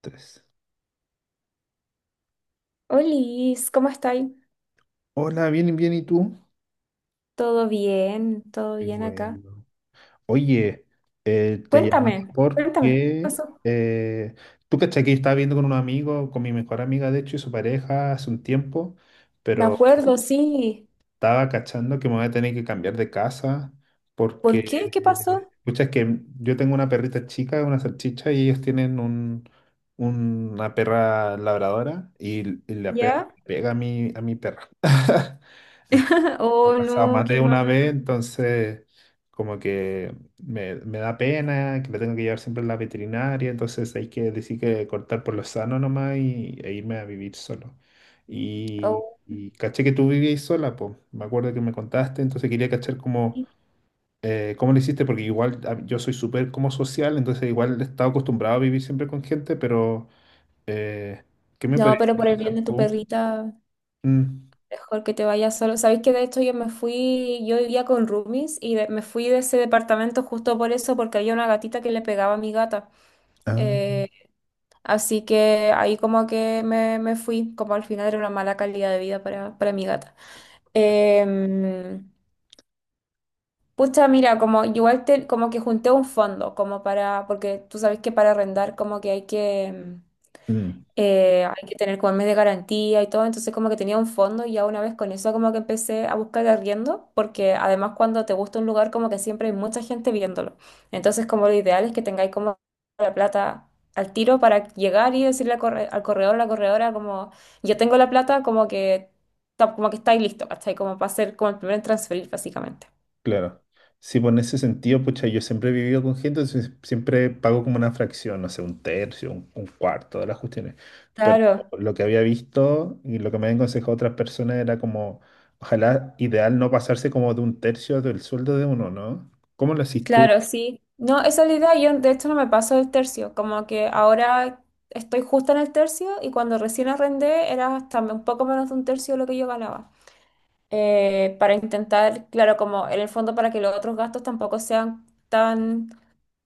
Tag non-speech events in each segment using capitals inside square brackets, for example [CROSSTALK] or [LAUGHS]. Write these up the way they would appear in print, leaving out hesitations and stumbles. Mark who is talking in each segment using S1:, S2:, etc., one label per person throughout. S1: Tres.
S2: Olis, ¿cómo estáis?
S1: Hola, bien, bien, ¿y tú?
S2: ¿Todo bien? ¿Todo
S1: Qué
S2: bien acá?
S1: bueno. Oye, te llamaba
S2: Cuéntame, cuéntame, ¿qué
S1: porque
S2: pasó?
S1: eh, tú cachai que yo estaba viendo con un amigo, con mi mejor amiga, de hecho, y su pareja hace un tiempo,
S2: Me
S1: pero
S2: acuerdo, sí.
S1: estaba cachando que me voy a tener que cambiar de casa
S2: ¿Por qué?
S1: porque,
S2: ¿Qué pasó?
S1: escucha, es que yo tengo una perrita chica, una salchicha, y ellos tienen una perra labradora y la perra
S2: ¿Ya?
S1: pega a mi perra. [LAUGHS] Entonces,
S2: [LAUGHS]
S1: me ha
S2: Oh,
S1: pasado
S2: no,
S1: más
S2: qué
S1: de
S2: mal.
S1: una vez, entonces como que me da pena que la tengo que llevar siempre a la veterinaria, entonces hay que decir que cortar por lo sano nomás e irme a vivir solo. Y,
S2: Oh,
S1: y caché que tú vivías sola, pues me acuerdo que me contaste, entonces quería cachar cómo,
S2: sí.
S1: cómo lo hiciste, porque igual ah, yo soy súper como social, entonces igual he estado acostumbrado a vivir siempre con gente, pero eh, ¿qué me
S2: No,
S1: podrías
S2: pero por el bien
S1: aconsejar
S2: de tu
S1: tú?
S2: perrita,
S1: Mm.
S2: mejor que te vayas solo. Sabéis que de hecho yo me fui, yo vivía con roomies y me fui de ese departamento justo por eso, porque había una gatita que le pegaba a mi gata.
S1: Ah.
S2: Eh, Así que ahí como que me fui, como al final era una mala calidad de vida para mi gata. Em, Pucha, mira, como igual como que junté un fondo, como para, porque tú sabes que para arrendar como que hay que,
S1: Mm.
S2: hay que tener como el mes de garantía y todo, entonces como que tenía un fondo y ya una vez con eso como que empecé a buscar arriendo, porque además cuando te gusta un lugar como que siempre hay mucha gente viéndolo, entonces como lo ideal es que tengáis como la plata al tiro para llegar y decirle al al corredor, la corredora como yo tengo la plata, como que, como que estáis listo, ¿cachai? Como para hacer como el primer en transferir básicamente.
S1: Claro. Sí, pues en ese sentido, pucha, yo siempre he vivido con gente, entonces siempre pago como una fracción, no sé, un tercio, un cuarto de las cuestiones. Pero
S2: Claro.
S1: lo que había visto y lo que me habían aconsejado otras personas era como, ojalá ideal no pasarse como de un tercio del sueldo de uno, ¿no? ¿Cómo lo haces tú?
S2: Claro, sí. No, esa es la idea. Yo de hecho no me paso del tercio. Como que ahora estoy justo en el tercio y cuando recién arrendé era hasta un poco menos de un tercio de lo que yo ganaba. Para intentar, claro, como en el fondo para que los otros gastos tampoco sean tan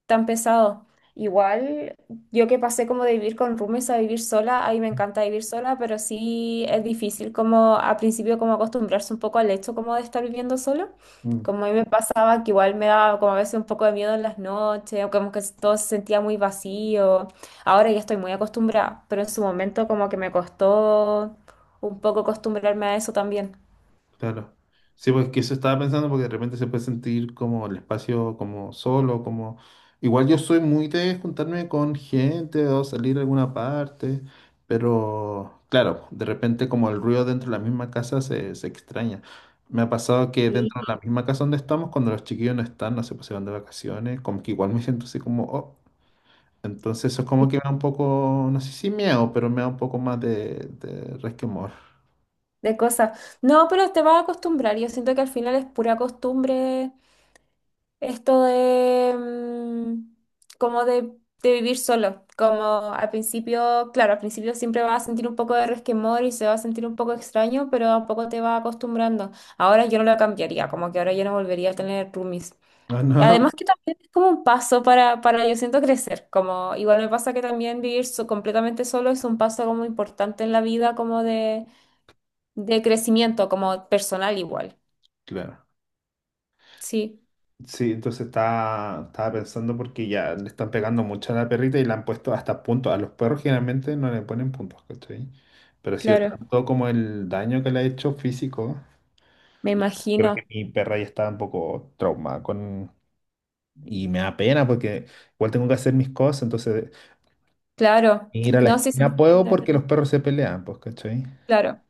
S2: tan pesado. Igual, yo que pasé como de vivir con roomies a vivir sola, ahí me encanta vivir sola, pero sí es difícil como al principio como acostumbrarse un poco al hecho como de estar viviendo solo.
S1: Mm.
S2: Como a mí me pasaba que igual me daba como a veces un poco de miedo en las noches, o como que todo se sentía muy vacío. Ahora ya estoy muy acostumbrada, pero en su momento como que me costó un poco acostumbrarme a eso también.
S1: Claro. Sí, pues que eso estaba pensando porque de repente se puede sentir como el espacio como solo, como... Igual yo soy muy de juntarme con gente o salir a alguna parte, pero claro, de repente como el ruido dentro de la misma casa se extraña. Me ha pasado que dentro de
S2: Sí,
S1: la misma casa donde estamos, cuando los chiquillos no están, no sé, pues se van de vacaciones, como que igual me siento así como, oh, entonces eso es como
S2: sí,
S1: que me da un poco, no sé si miedo, pero me da un poco más de resquemor.
S2: de cosas. No, pero te vas a acostumbrar. Yo siento que al final es pura costumbre esto de como de vivir solo, como al principio, claro, al principio siempre vas a sentir un poco de resquemor y se va a sentir un poco extraño, pero a poco te vas acostumbrando. Ahora yo no lo cambiaría, como que ahora yo no volvería a tener roomies.
S1: Ah,
S2: Y
S1: no,
S2: además que también es como un paso para yo siento crecer, como igual me pasa que también vivir completamente solo es un paso como importante en la vida, como de crecimiento, como personal igual.
S1: claro.
S2: Sí,
S1: Sí, entonces estaba pensando porque ya le están pegando mucho a la perrita y le han puesto hasta puntos. A los perros generalmente no le ponen puntos, ¿cachai? Pero sí,
S2: claro,
S1: tanto como el daño que le ha hecho físico,
S2: me
S1: creo
S2: imagino.
S1: que mi perra ya está un poco traumada con... Y me da pena porque igual tengo que hacer mis cosas, entonces
S2: Claro,
S1: ir a la
S2: no, sí se
S1: esquina puedo
S2: entiende,
S1: porque los perros se pelean, pues, ¿cachai?
S2: claro.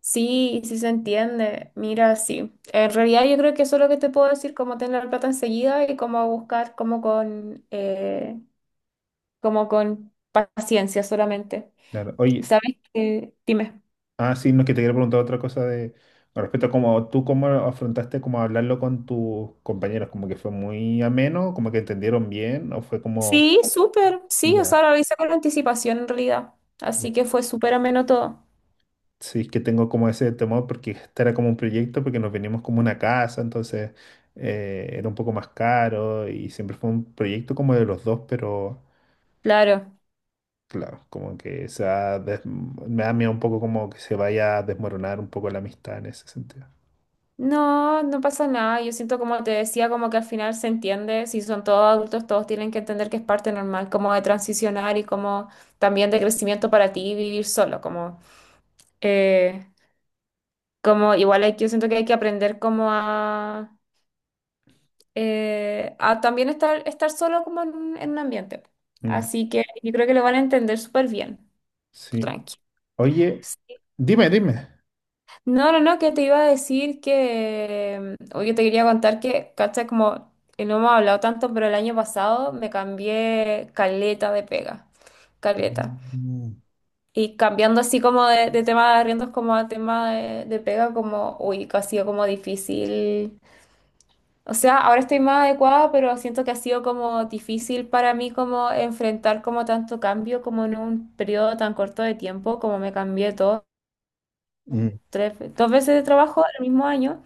S2: Sí, sí se entiende. Mira, sí. En realidad yo creo que eso es lo que te puedo decir, cómo tener la plata enseguida y cómo buscar como con paciencia solamente.
S1: Claro. Oye,
S2: ¿Sabes qué? Dime.
S1: ah, sí, no, que te quiero preguntar otra cosa de con respecto a cómo tú cómo afrontaste como hablarlo con tus compañeros, como que fue muy ameno, como que entendieron bien, o fue como
S2: Sí, súper. Sí, o
S1: ya.
S2: sea, lo hice con anticipación en realidad. Así que fue súper ameno todo.
S1: Sí, es que tengo como ese temor porque este era como un proyecto, porque nos venimos como una casa, entonces era un poco más caro y siempre fue un proyecto como de los dos, pero
S2: Claro.
S1: claro, como que se ha des- me da miedo un poco como que se vaya a desmoronar un poco la amistad en ese sentido.
S2: No, no pasa nada. Yo siento como te decía, como que al final se entiende, si son todos adultos, todos tienen que entender que es parte normal, como de transicionar y como también de crecimiento para ti vivir solo, como, eh, como igual hay, yo siento que hay que aprender como a también estar, estar solo como en un ambiente.
S1: Mm,
S2: Así que yo creo que lo van a entender súper bien,
S1: sí.
S2: tranqui.
S1: Oye, dime, dime.
S2: No, no, no, que te iba a decir que, oye, te quería contar que, cacha, como no hemos hablado tanto, pero el año pasado me cambié caleta de pega, caleta.
S1: Mm,
S2: Y cambiando así como de tema de arriendos como a tema de pega, como, uy, que ha sido como difícil. O sea, ahora estoy más adecuada, pero siento que ha sido como difícil para mí como enfrentar como tanto cambio como en un periodo tan corto de tiempo, como me cambié todo,
S1: mm,
S2: tres, dos veces de trabajo el mismo año.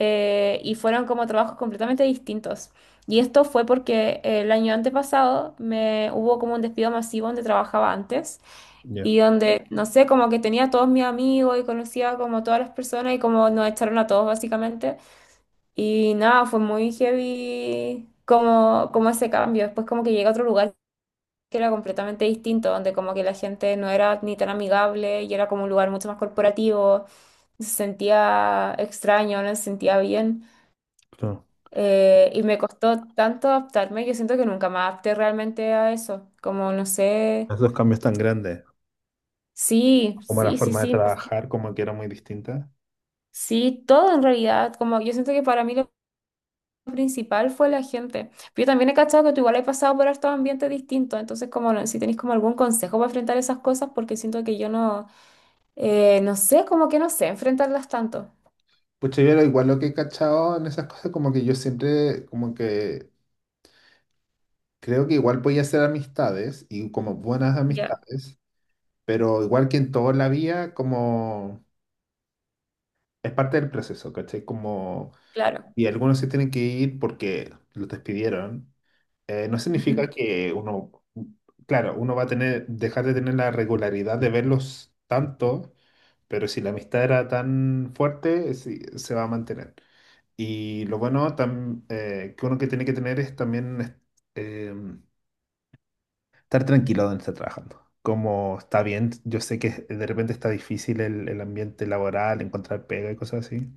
S2: Y fueron como trabajos completamente distintos. Y esto fue porque el año antepasado me hubo como un despido masivo donde trabajaba antes
S1: ya,
S2: y donde, no sé, como que tenía a todos mis amigos y conocía como todas las personas y como nos echaron a todos básicamente. Y nada, fue muy heavy como, como ese cambio. Después como que llegué a otro lugar que era completamente distinto, donde como que la gente no era ni tan amigable y era como un lugar mucho más corporativo. Se sentía extraño, no se sentía bien.
S1: claro.
S2: Y me costó tanto adaptarme, yo siento que nunca me adapté realmente a eso, como no sé,
S1: Los dos cambios tan grandes,
S2: sí,
S1: como la
S2: sí, sí,
S1: forma de
S2: sí, no,
S1: trabajar, como que era muy distinta.
S2: sí, todo en realidad, como yo siento que para mí lo principal fue la gente. Pero yo también he cachado que tú igual has pasado por estos ambientes distintos, entonces como no, si tenés como algún consejo para enfrentar esas cosas, porque siento que yo no, no sé, como que no sé enfrentarlas tanto.
S1: Pues yo era igual lo que he cachado en esas cosas, como que yo siempre, como que creo que igual podía hacer amistades y como buenas
S2: Ya,
S1: amistades, pero igual que en toda la vida, como es parte del proceso, ¿cachai? Como,
S2: claro.
S1: y algunos se tienen que ir porque los despidieron. No
S2: Ujú,
S1: significa que uno, claro, uno va a tener, dejar de tener la regularidad de verlos tanto, pero si la amistad era tan fuerte, sí, se va a mantener. Y lo bueno tam- que uno que tiene que tener es también es- eh, estar tranquilo donde está trabajando. Como está bien, yo sé que de repente está difícil el ambiente laboral, encontrar pega y cosas así,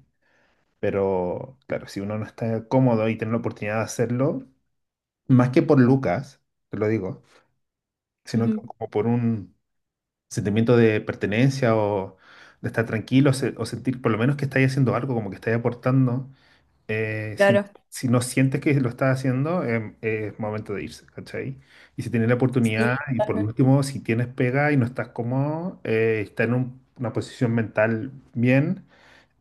S1: pero claro, si uno no está cómodo y tiene la oportunidad de hacerlo, más que por Lucas, te lo digo sino que
S2: ujú,
S1: como por un sentimiento de pertenencia o de estar tranquilo se- o sentir por lo menos que estáis haciendo algo, como que estáis aportando. Si,
S2: claro.
S1: si no sientes que lo estás haciendo, es momento de irse, ¿cachai? Y si tienes la oportunidad,
S2: Sí,
S1: y por
S2: totalmente.
S1: último, si tienes pega y no estás cómodo, está en un- una posición mental bien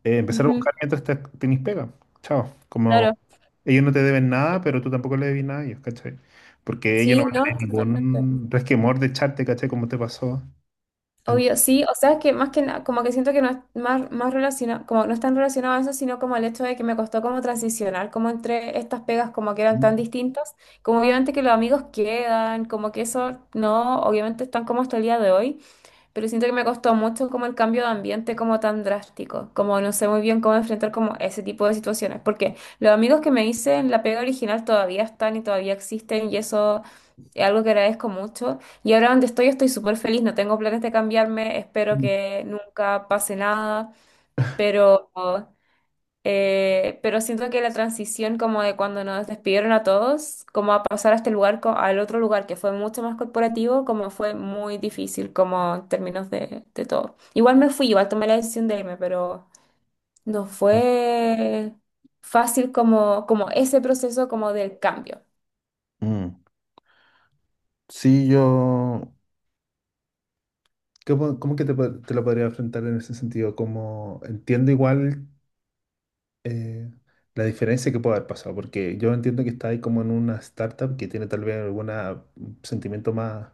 S1: empezar a
S2: Ujú,
S1: buscar mientras tenés pega. Chao.
S2: claro.
S1: Como ellos no te deben nada, pero tú tampoco le debes nada a ellos, ¿cachai? Porque ellos no
S2: Sí,
S1: van a
S2: no.
S1: tener ningún resquemor de echarte, ¿cachai? Como te pasó. En-
S2: Obvio, sí, o sea, es que más que nada, como que siento que no es más, más relacionado, como no es tan relacionado a eso, sino como el hecho de que me costó como transicionar, como entre estas pegas como que eran tan distintas, como obviamente que los amigos quedan, como que eso no, obviamente están como hasta el día de hoy, pero siento que me costó mucho como el cambio de ambiente como tan drástico, como no sé muy bien cómo enfrentar como ese tipo de situaciones, porque los amigos que me hice en la pega original todavía están y todavía existen y eso es algo que agradezco mucho. Y ahora donde estoy estoy súper feliz, no tengo planes de cambiarme, espero que nunca pase nada, pero pero siento que la transición como de cuando nos despidieron a todos, como a pasar a este lugar, al otro lugar que fue mucho más corporativo, como fue muy difícil como en términos de todo. Igual me fui, igual tomé la decisión de irme, pero no fue fácil como, como ese proceso como del cambio.
S1: mm. Sí, yo... ¿Cómo, cómo que te, po- te lo podría enfrentar en ese sentido? Como entiendo igual eh, la diferencia que puede haber pasado, porque yo entiendo que está ahí como en una startup que tiene tal vez algún sentimiento más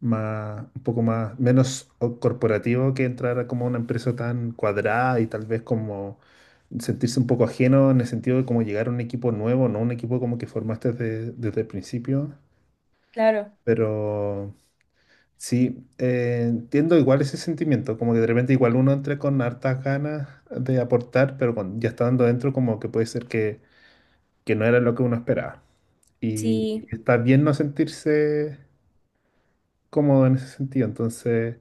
S1: más, un poco más, menos o- corporativo que entrar a como una empresa tan cuadrada y tal vez como sentirse un poco ajeno en el sentido de como llegar a un equipo nuevo, no un equipo como que formaste desde, desde el principio,
S2: Claro,
S1: pero sí, entiendo igual ese sentimiento, como que de repente igual uno entra con hartas ganas de aportar, pero cuando ya estando dentro como que puede ser que no era lo que uno esperaba. Y
S2: sí,
S1: está bien no sentirse cómodo en ese sentido. Entonces,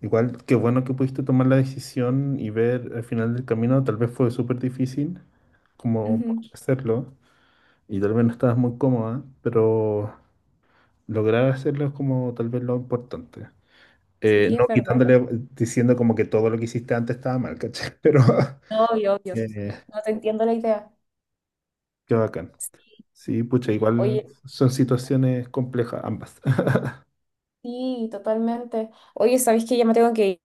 S1: igual, qué bueno que pudiste tomar la decisión y ver al final del camino, tal vez fue súper difícil como poder
S2: ujú,
S1: hacerlo y tal vez no estabas muy cómoda, pero lograr hacerlo es como tal vez lo importante.
S2: sí, es
S1: No
S2: verdad.
S1: quitándole, diciendo como que todo lo que hiciste antes estaba mal, ¿cachai? [LAUGHS] Pero
S2: Obvio, obvio.
S1: eh,
S2: No te entiendo la idea.
S1: qué bacán. Sí, pucha, igual
S2: Oye,
S1: son situaciones complejas ambas. [LAUGHS]
S2: sí, totalmente. Oye, ¿sabéis que ya me tengo que ir?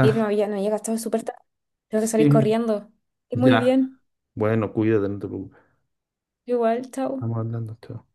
S2: Ir, no había, no había gastado súper tarde. Tengo que salir
S1: sí,
S2: corriendo. Y muy
S1: ya.
S2: bien.
S1: Bueno, cuídate, no te preocupes.
S2: Igual, chao.
S1: Estamos hablando, chao.